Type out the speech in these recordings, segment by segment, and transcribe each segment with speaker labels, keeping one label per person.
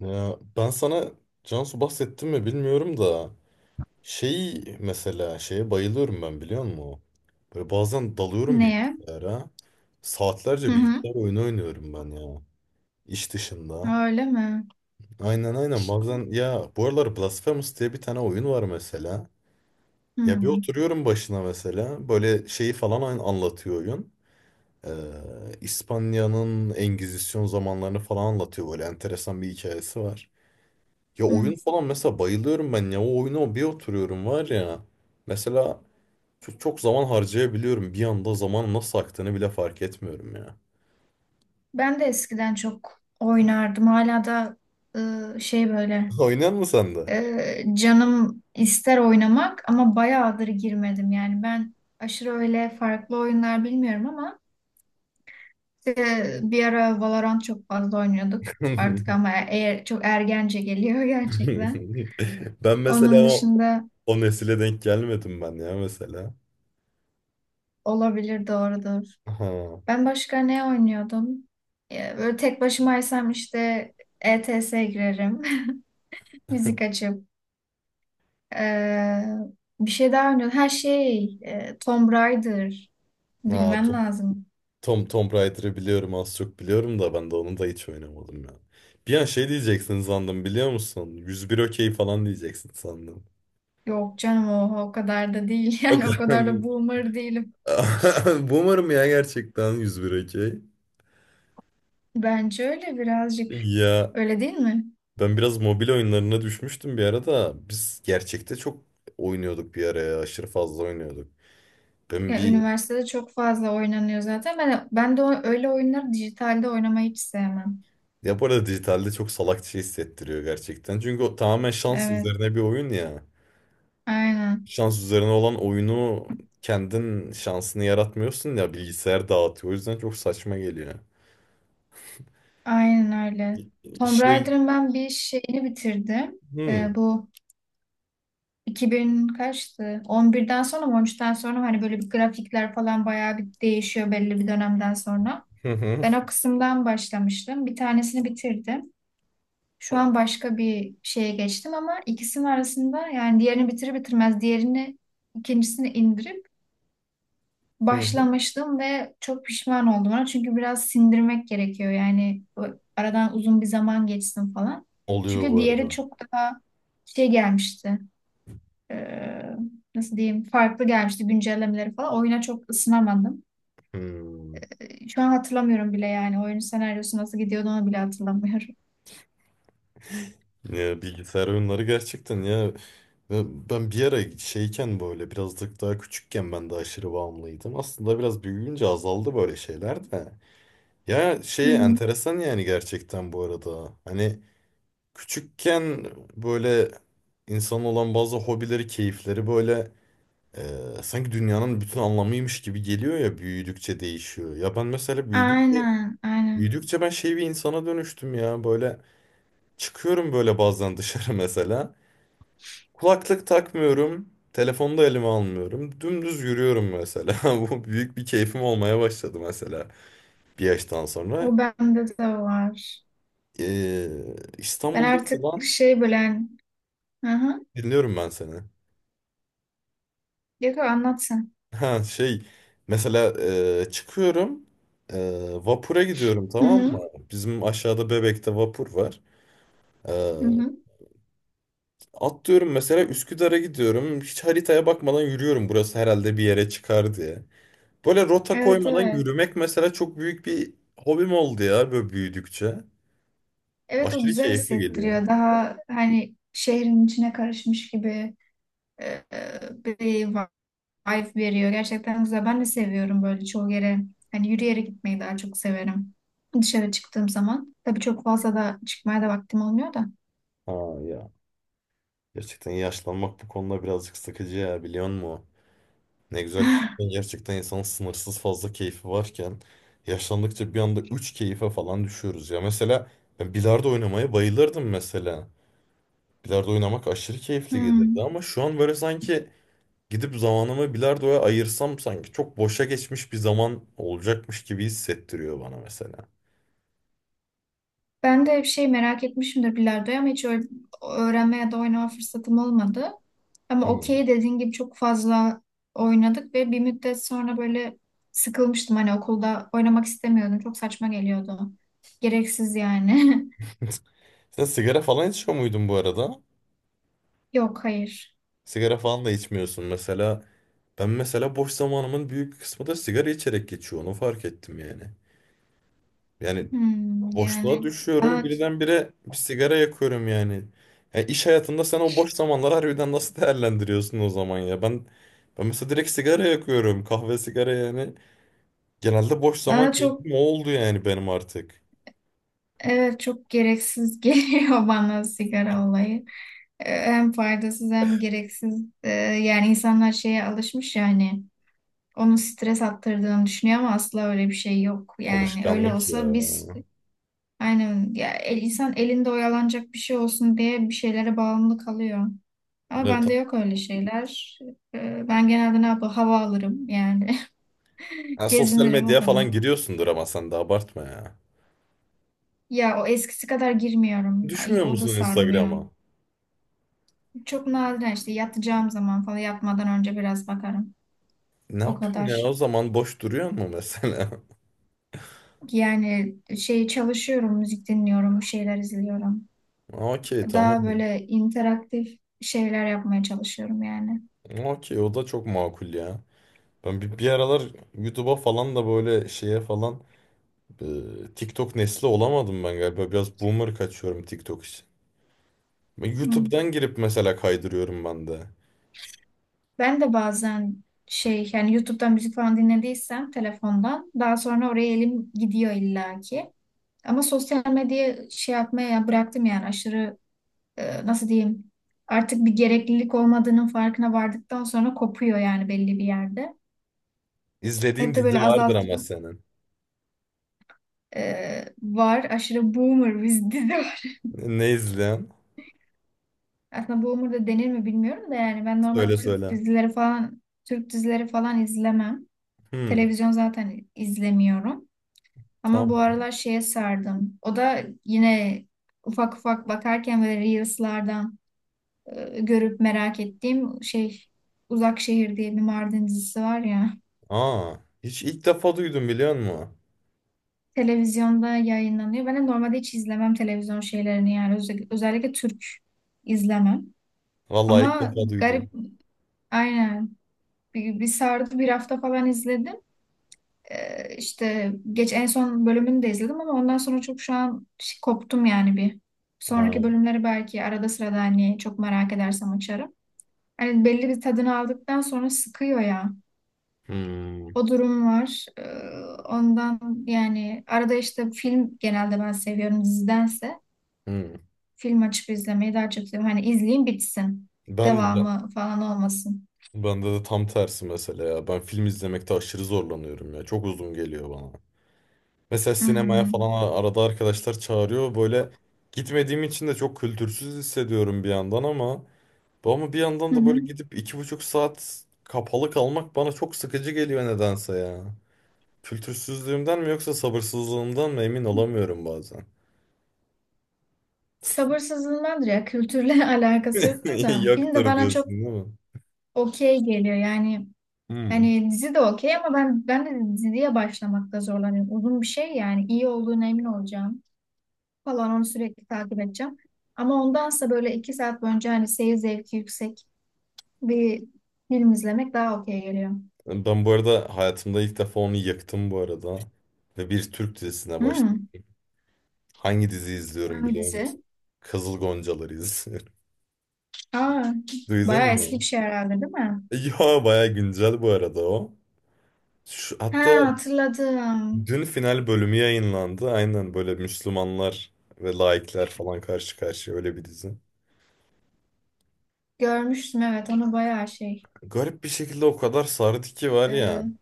Speaker 1: Ya ben sana Cansu bahsettim mi bilmiyorum da şey mesela şeye bayılıyorum ben, biliyor musun? Böyle bazen dalıyorum
Speaker 2: Neye?
Speaker 1: bilgisayara.
Speaker 2: Hı
Speaker 1: Saatlerce
Speaker 2: hı.
Speaker 1: bilgisayar oyunu oynuyorum ben ya. İş dışında.
Speaker 2: Öyle mi?
Speaker 1: Aynen, aynen, bazen ya bu aralar Blasphemous diye bir tane oyun var mesela.
Speaker 2: Hı
Speaker 1: Ya bir oturuyorum başına mesela. Böyle şeyi falan anlatıyor oyun. İspanya'nın Engizisyon zamanlarını falan anlatıyor. Böyle enteresan bir hikayesi var. Ya
Speaker 2: hı.
Speaker 1: oyun falan mesela bayılıyorum ben ya. O oyuna bir oturuyorum var ya. Mesela çok, çok zaman harcayabiliyorum. Bir anda zaman nasıl aktığını bile fark etmiyorum ya.
Speaker 2: Ben de eskiden çok oynardım. Hala da şey böyle
Speaker 1: Oynayan mı sen de?
Speaker 2: canım ister oynamak ama bayağıdır girmedim. Yani ben aşırı öyle farklı oyunlar bilmiyorum ama bir ara Valorant çok fazla oynuyorduk. Artık ama eğer çok ergence geliyor gerçekten.
Speaker 1: Ben mesela
Speaker 2: Onun dışında
Speaker 1: o nesile denk gelmedim ben ya mesela.
Speaker 2: olabilir doğrudur.
Speaker 1: Ha,
Speaker 2: Ben başka ne oynuyordum? Böyle tek başımaysam işte E T S girerim. Müzik açıp. Ee, bir şey daha oynuyordum. Her şey Tomb Raider.
Speaker 1: ha
Speaker 2: Bilmem lazım.
Speaker 1: Tomb Raider'ı biliyorum, az çok biliyorum da ben de onu da hiç oynamadım ya. Bir an şey diyeceksin sandım, biliyor musun? Yüz bir okey falan diyeceksin sandım.
Speaker 2: Yok canım o kadar da değil.
Speaker 1: O
Speaker 2: Yani o
Speaker 1: kadar.
Speaker 2: kadar da boomer değilim.
Speaker 1: Boomer'ım ya gerçekten, 101 okey.
Speaker 2: Bence öyle birazcık.
Speaker 1: Ya
Speaker 2: Öyle değil mi?
Speaker 1: ben biraz mobil oyunlarına düşmüştüm bir ara da biz gerçekte çok oynuyorduk bir ara ya, aşırı fazla oynuyorduk. Ben
Speaker 2: Ya
Speaker 1: bir
Speaker 2: üniversitede çok fazla oynanıyor zaten. Ben de öyle oyunları dijitalde oynamayı hiç sevmem.
Speaker 1: Ya bu arada dijitalde çok salakça hissettiriyor gerçekten. Çünkü o tamamen şans
Speaker 2: Evet,
Speaker 1: üzerine bir oyun ya.
Speaker 2: aynen.
Speaker 1: Şans üzerine olan oyunu kendin şansını yaratmıyorsun ya, bilgisayar dağıtıyor. O yüzden çok saçma geliyor.
Speaker 2: Aynen öyle. Tomb
Speaker 1: Şey,
Speaker 2: Raider'ın ben bir şeyini bitirdim.
Speaker 1: hmm.
Speaker 2: Bu 2000 kaçtı? 11'den sonra mı 13'ten sonra mı? Hani böyle bir grafikler falan bayağı bir değişiyor belli bir dönemden sonra. Ben o kısımdan başlamıştım. Bir tanesini bitirdim. Şu an başka bir şeye geçtim ama ikisinin arasında yani diğerini bitirir bitirmez diğerini ikincisini indirip başlamıştım ve çok pişman oldum ona. Çünkü biraz sindirmek gerekiyor. Yani aradan uzun bir zaman geçsin falan.
Speaker 1: Oluyor
Speaker 2: Çünkü
Speaker 1: bu
Speaker 2: diğeri
Speaker 1: arada.
Speaker 2: çok daha şey gelmişti. Ee, nasıl diyeyim? Farklı gelmişti güncellemeleri falan. Oyuna çok ısınamadım.
Speaker 1: Hmm.
Speaker 2: Şu an hatırlamıyorum bile yani. Oyunun senaryosu nasıl gidiyordu onu bile hatırlamıyorum.
Speaker 1: Ya bilgisayar oyunları gerçekten ya, ben bir ara şeyken, böyle birazcık daha küçükken ben de aşırı bağımlıydım. Aslında biraz büyüyünce azaldı böyle şeyler de. Ya
Speaker 2: Hı
Speaker 1: şey
Speaker 2: hı.
Speaker 1: enteresan yani gerçekten bu arada. Hani küçükken böyle insan olan bazı hobileri, keyifleri böyle e, sanki dünyanın bütün anlamıymış gibi geliyor ya, büyüdükçe değişiyor. Ya ben mesela
Speaker 2: Aynen, aynen.
Speaker 1: büyüdükçe ben şey bir insana dönüştüm ya, böyle çıkıyorum böyle bazen dışarı mesela. Kulaklık takmıyorum. Telefonu da elime almıyorum. Dümdüz yürüyorum mesela. Bu büyük bir keyfim olmaya başladı mesela, bir yaştan sonra.
Speaker 2: O bende de var.
Speaker 1: Ee,
Speaker 2: Ben
Speaker 1: İstanbul'da
Speaker 2: artık
Speaker 1: falan
Speaker 2: şey böyle... Hı hı.
Speaker 1: dinliyorum ben seni.
Speaker 2: Yok, anlatsın.
Speaker 1: Ha şey, mesela çıkıyorum, e, vapura gidiyorum,
Speaker 2: Hı
Speaker 1: tamam mı?
Speaker 2: hı.
Speaker 1: Bizim aşağıda Bebek'te vapur var. Ee,
Speaker 2: Hı hı.
Speaker 1: atlıyorum mesela, Üsküdar'a gidiyorum. Hiç haritaya bakmadan yürüyorum. Burası herhalde bir yere çıkar diye. Böyle rota
Speaker 2: Evet,
Speaker 1: koymadan
Speaker 2: evet.
Speaker 1: yürümek mesela çok büyük bir hobim oldu ya, böyle büyüdükçe.
Speaker 2: Evet o
Speaker 1: Aşırı
Speaker 2: güzel
Speaker 1: keyifli geliyor.
Speaker 2: hissettiriyor. Daha hani şehrin içine karışmış gibi e, bir vibe veriyor. Gerçekten güzel. Ben de seviyorum böyle çoğu yere. Hani yürüyerek gitmeyi daha çok severim. Dışarı çıktığım zaman. Tabii çok fazla da çıkmaya da vaktim olmuyor da.
Speaker 1: Ha ya. Gerçekten yaşlanmak bu konuda birazcık sıkıcı ya, biliyor musun? Ne güzel küçükken, gerçekten insanın sınırsız fazla keyfi varken yaşlandıkça bir anda 3 keyfe falan düşüyoruz ya. Mesela ben bilardo oynamaya bayılırdım mesela. Bilardo oynamak aşırı keyifli gelirdi
Speaker 2: Hmm.
Speaker 1: ama şu an böyle sanki gidip zamanımı bilardoya ayırsam sanki çok boşa geçmiş bir zaman olacakmış gibi hissettiriyor bana mesela.
Speaker 2: Ben de şey merak etmişimdir bilardoyu ama hiç öyle öğrenme ya da oynama fırsatım olmadı. Ama
Speaker 1: Hmm.
Speaker 2: okey dediğin gibi çok fazla oynadık ve bir müddet sonra böyle sıkılmıştım. Hani okulda oynamak istemiyordum. Çok saçma geliyordu. Gereksiz yani.
Speaker 1: Sen sigara falan içiyor muydun bu arada?
Speaker 2: Yok hayır.
Speaker 1: Sigara falan da içmiyorsun mesela. Ben mesela boş zamanımın büyük kısmı da sigara içerek geçiyor. Onu fark ettim yani. Yani
Speaker 2: Hmm,
Speaker 1: boşluğa
Speaker 2: yani
Speaker 1: düşüyorum
Speaker 2: bana,
Speaker 1: birdenbire, bir sigara yakıyorum yani. Ya iş hayatında sen o boş zamanları harbiden nasıl değerlendiriyorsun o zaman ya? Ben mesela direkt sigara yakıyorum. Kahve, sigara yani. Genelde boş zaman
Speaker 2: bana çok,
Speaker 1: keyfim o oldu yani benim artık.
Speaker 2: evet, çok gereksiz geliyor bana sigara olayı. Hem faydasız hem gereksiz. Yani insanlar şeye alışmış yani onu stres attırdığını düşünüyor ama asla öyle bir şey yok. Yani öyle
Speaker 1: Alışkanlık ya.
Speaker 2: olsa biz aynen ya insan elinde oyalanacak bir şey olsun diye bir şeylere bağımlı kalıyor. Ama
Speaker 1: Ne,
Speaker 2: bende yok öyle şeyler. Ben genelde ne yapayım? Hava alırım yani.
Speaker 1: ha, sosyal
Speaker 2: Gezinirim o
Speaker 1: medyaya
Speaker 2: kadar.
Speaker 1: falan giriyorsundur ama sen de abartma ya.
Speaker 2: Ya o eskisi kadar girmiyorum. Ay,
Speaker 1: Düşmüyor
Speaker 2: o da
Speaker 1: musun
Speaker 2: sarmıyor.
Speaker 1: Instagram'a?
Speaker 2: Çok nadiren işte yatacağım zaman falan yatmadan önce biraz bakarım.
Speaker 1: Ne
Speaker 2: O
Speaker 1: yapayım ya, o
Speaker 2: kadar.
Speaker 1: zaman boş duruyor mu mesela?
Speaker 2: Yani şey çalışıyorum, müzik dinliyorum, bir şeyler izliyorum.
Speaker 1: Okey,
Speaker 2: Daha
Speaker 1: tamam.
Speaker 2: böyle interaktif şeyler yapmaya çalışıyorum yani.
Speaker 1: Okey, o da çok makul ya. Ben bir aralar YouTube'a falan da böyle şeye falan, TikTok nesli olamadım ben galiba. Biraz boomer kaçıyorum TikTok için. Ben
Speaker 2: Hı.
Speaker 1: YouTube'dan girip mesela kaydırıyorum ben de.
Speaker 2: Ben de bazen şey yani YouTube'dan müzik falan dinlediysem telefondan daha sonra oraya elim gidiyor illaki. Ama sosyal medyayı şey yapmaya bıraktım yani aşırı nasıl diyeyim artık bir gereklilik olmadığının farkına vardıktan sonra kopuyor yani belli bir yerde.
Speaker 1: İzlediğin
Speaker 2: Hep de böyle
Speaker 1: dizi vardır
Speaker 2: azalt
Speaker 1: ama senin.
Speaker 2: var aşırı boomer biz dizi.
Speaker 1: Ne, ne
Speaker 2: Aslında boomer da denir mi bilmiyorum da yani ben normal
Speaker 1: Söyle,
Speaker 2: Türk
Speaker 1: söyle.
Speaker 2: dizileri falan Türk dizileri falan izlemem.
Speaker 1: Hmm,
Speaker 2: Televizyon zaten izlemiyorum. Ama bu
Speaker 1: tamam.
Speaker 2: aralar şeye sardım. O da yine ufak ufak bakarken böyle Reels'lardan görüp merak ettiğim şey Uzak Şehir diye bir Mardin dizisi var ya.
Speaker 1: Aa, hiç ilk defa duydum, biliyor musun?
Speaker 2: Televizyonda yayınlanıyor. Ben de normalde hiç izlemem televizyon şeylerini yani. Özellikle Türk izlemem.
Speaker 1: Vallahi ilk
Speaker 2: Ama
Speaker 1: defa duydum.
Speaker 2: garip aynen bir sardı bir hafta falan izledim. İşte geç en son bölümünü de izledim ama ondan sonra çok şu an koptum yani bir. Sonraki
Speaker 1: Aa.
Speaker 2: bölümleri belki arada sırada hani çok merak edersem açarım. Hani belli bir tadını aldıktan sonra sıkıyor ya.
Speaker 1: Hmm,
Speaker 2: O durum var. Ondan yani arada işte film genelde ben seviyorum dizidense.
Speaker 1: hmm.
Speaker 2: Film açıp izlemeyi daha çok seviyorum. Hani izleyeyim bitsin.
Speaker 1: Ben
Speaker 2: Devamı falan olmasın.
Speaker 1: bende de tam tersi mesela ya. Ben film izlemekte aşırı zorlanıyorum ya. Çok uzun geliyor bana. Mesela sinemaya
Speaker 2: Hmm.
Speaker 1: falan arada arkadaşlar çağırıyor. Böyle gitmediğim için de çok kültürsüz hissediyorum bir yandan ama ama bir yandan
Speaker 2: Hı
Speaker 1: da böyle
Speaker 2: hı.
Speaker 1: gidip iki buçuk saat kapalı kalmak bana çok sıkıcı geliyor nedense ya. Kültürsüzlüğümden mi yoksa sabırsızlığımdan mı emin olamıyorum bazen.
Speaker 2: Sabırsızlığımdandır ya. Kültürle alakası yoktur da. Film de
Speaker 1: Yoktur
Speaker 2: bana çok
Speaker 1: diyorsun, değil mi?
Speaker 2: okey geliyor. Yani
Speaker 1: Hmm.
Speaker 2: yani dizi de okey ama ben de diziye başlamakta zorlanıyorum. Uzun bir şey yani iyi olduğuna emin olacağım falan onu sürekli takip edeceğim. Ama ondansa böyle 2 saat boyunca hani seyir zevki yüksek bir film izlemek daha okey geliyor.
Speaker 1: Ben bu arada hayatımda ilk defa onu yaktım bu arada. Ve bir Türk dizisine başladım.
Speaker 2: Hmm,
Speaker 1: Hangi dizi izliyorum
Speaker 2: hangi
Speaker 1: biliyor
Speaker 2: dizi?
Speaker 1: musun? Kızıl Goncaları izliyorum.
Speaker 2: Aa,
Speaker 1: Duydun
Speaker 2: bayağı eski bir
Speaker 1: mu?
Speaker 2: şey herhalde değil mi?
Speaker 1: Ya baya güncel bu arada o. Şu, hatta
Speaker 2: Ha, hatırladım.
Speaker 1: dün final bölümü yayınlandı. Aynen, böyle Müslümanlar ve laikler falan karşı karşıya, öyle bir dizi.
Speaker 2: Görmüştüm evet onu bayağı şey.
Speaker 1: Garip bir şekilde o kadar sardı ki var ya.
Speaker 2: Ee,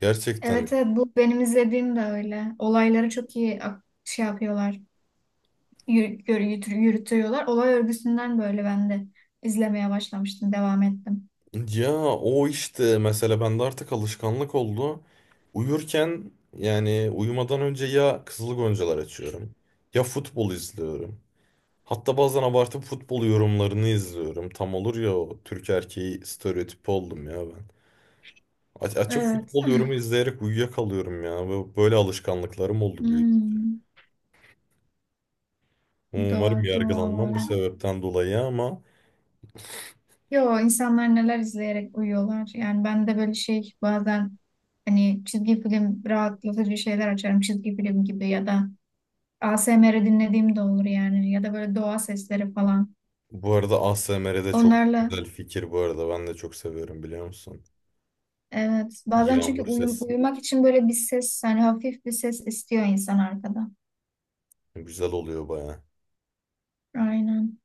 Speaker 1: Gerçekten.
Speaker 2: evet evet, bu benim izlediğim de öyle. Olayları çok iyi şey yapıyorlar. Yürütüyorlar. Olay örgüsünden böyle ben de izlemeye başlamıştım, devam ettim.
Speaker 1: Ya o işte mesela bende artık alışkanlık oldu. Uyurken, yani uyumadan önce ya Kızıl Goncalar açıyorum ya futbol izliyorum. Hatta bazen abartıp futbol yorumlarını izliyorum. Tam olur ya o Türk erkeği stereotipi oldum ya ben. Açıp
Speaker 2: Evet.
Speaker 1: futbol yorumu izleyerek uyuyakalıyorum ya. Böyle alışkanlıklarım oldu büyük.
Speaker 2: Hmm,
Speaker 1: Umarım
Speaker 2: doğrudur
Speaker 1: yargılanmam bu
Speaker 2: vallahi.
Speaker 1: sebepten dolayı ama
Speaker 2: Yo insanlar neler izleyerek uyuyorlar. Yani ben de böyle şey bazen hani çizgi film rahatlatıcı şeyler açarım. Çizgi film gibi ya da A S M R dinlediğim de olur yani. Ya da böyle doğa sesleri falan.
Speaker 1: bu arada ASMR'de çok
Speaker 2: Onlarla
Speaker 1: güzel fikir bu arada. Ben de çok seviyorum, biliyor musun?
Speaker 2: evet. Bazen çünkü
Speaker 1: Yağmur sesi.
Speaker 2: uyumak için böyle bir ses hani hafif bir ses istiyor insan arkada.
Speaker 1: Güzel oluyor baya.
Speaker 2: Aynen.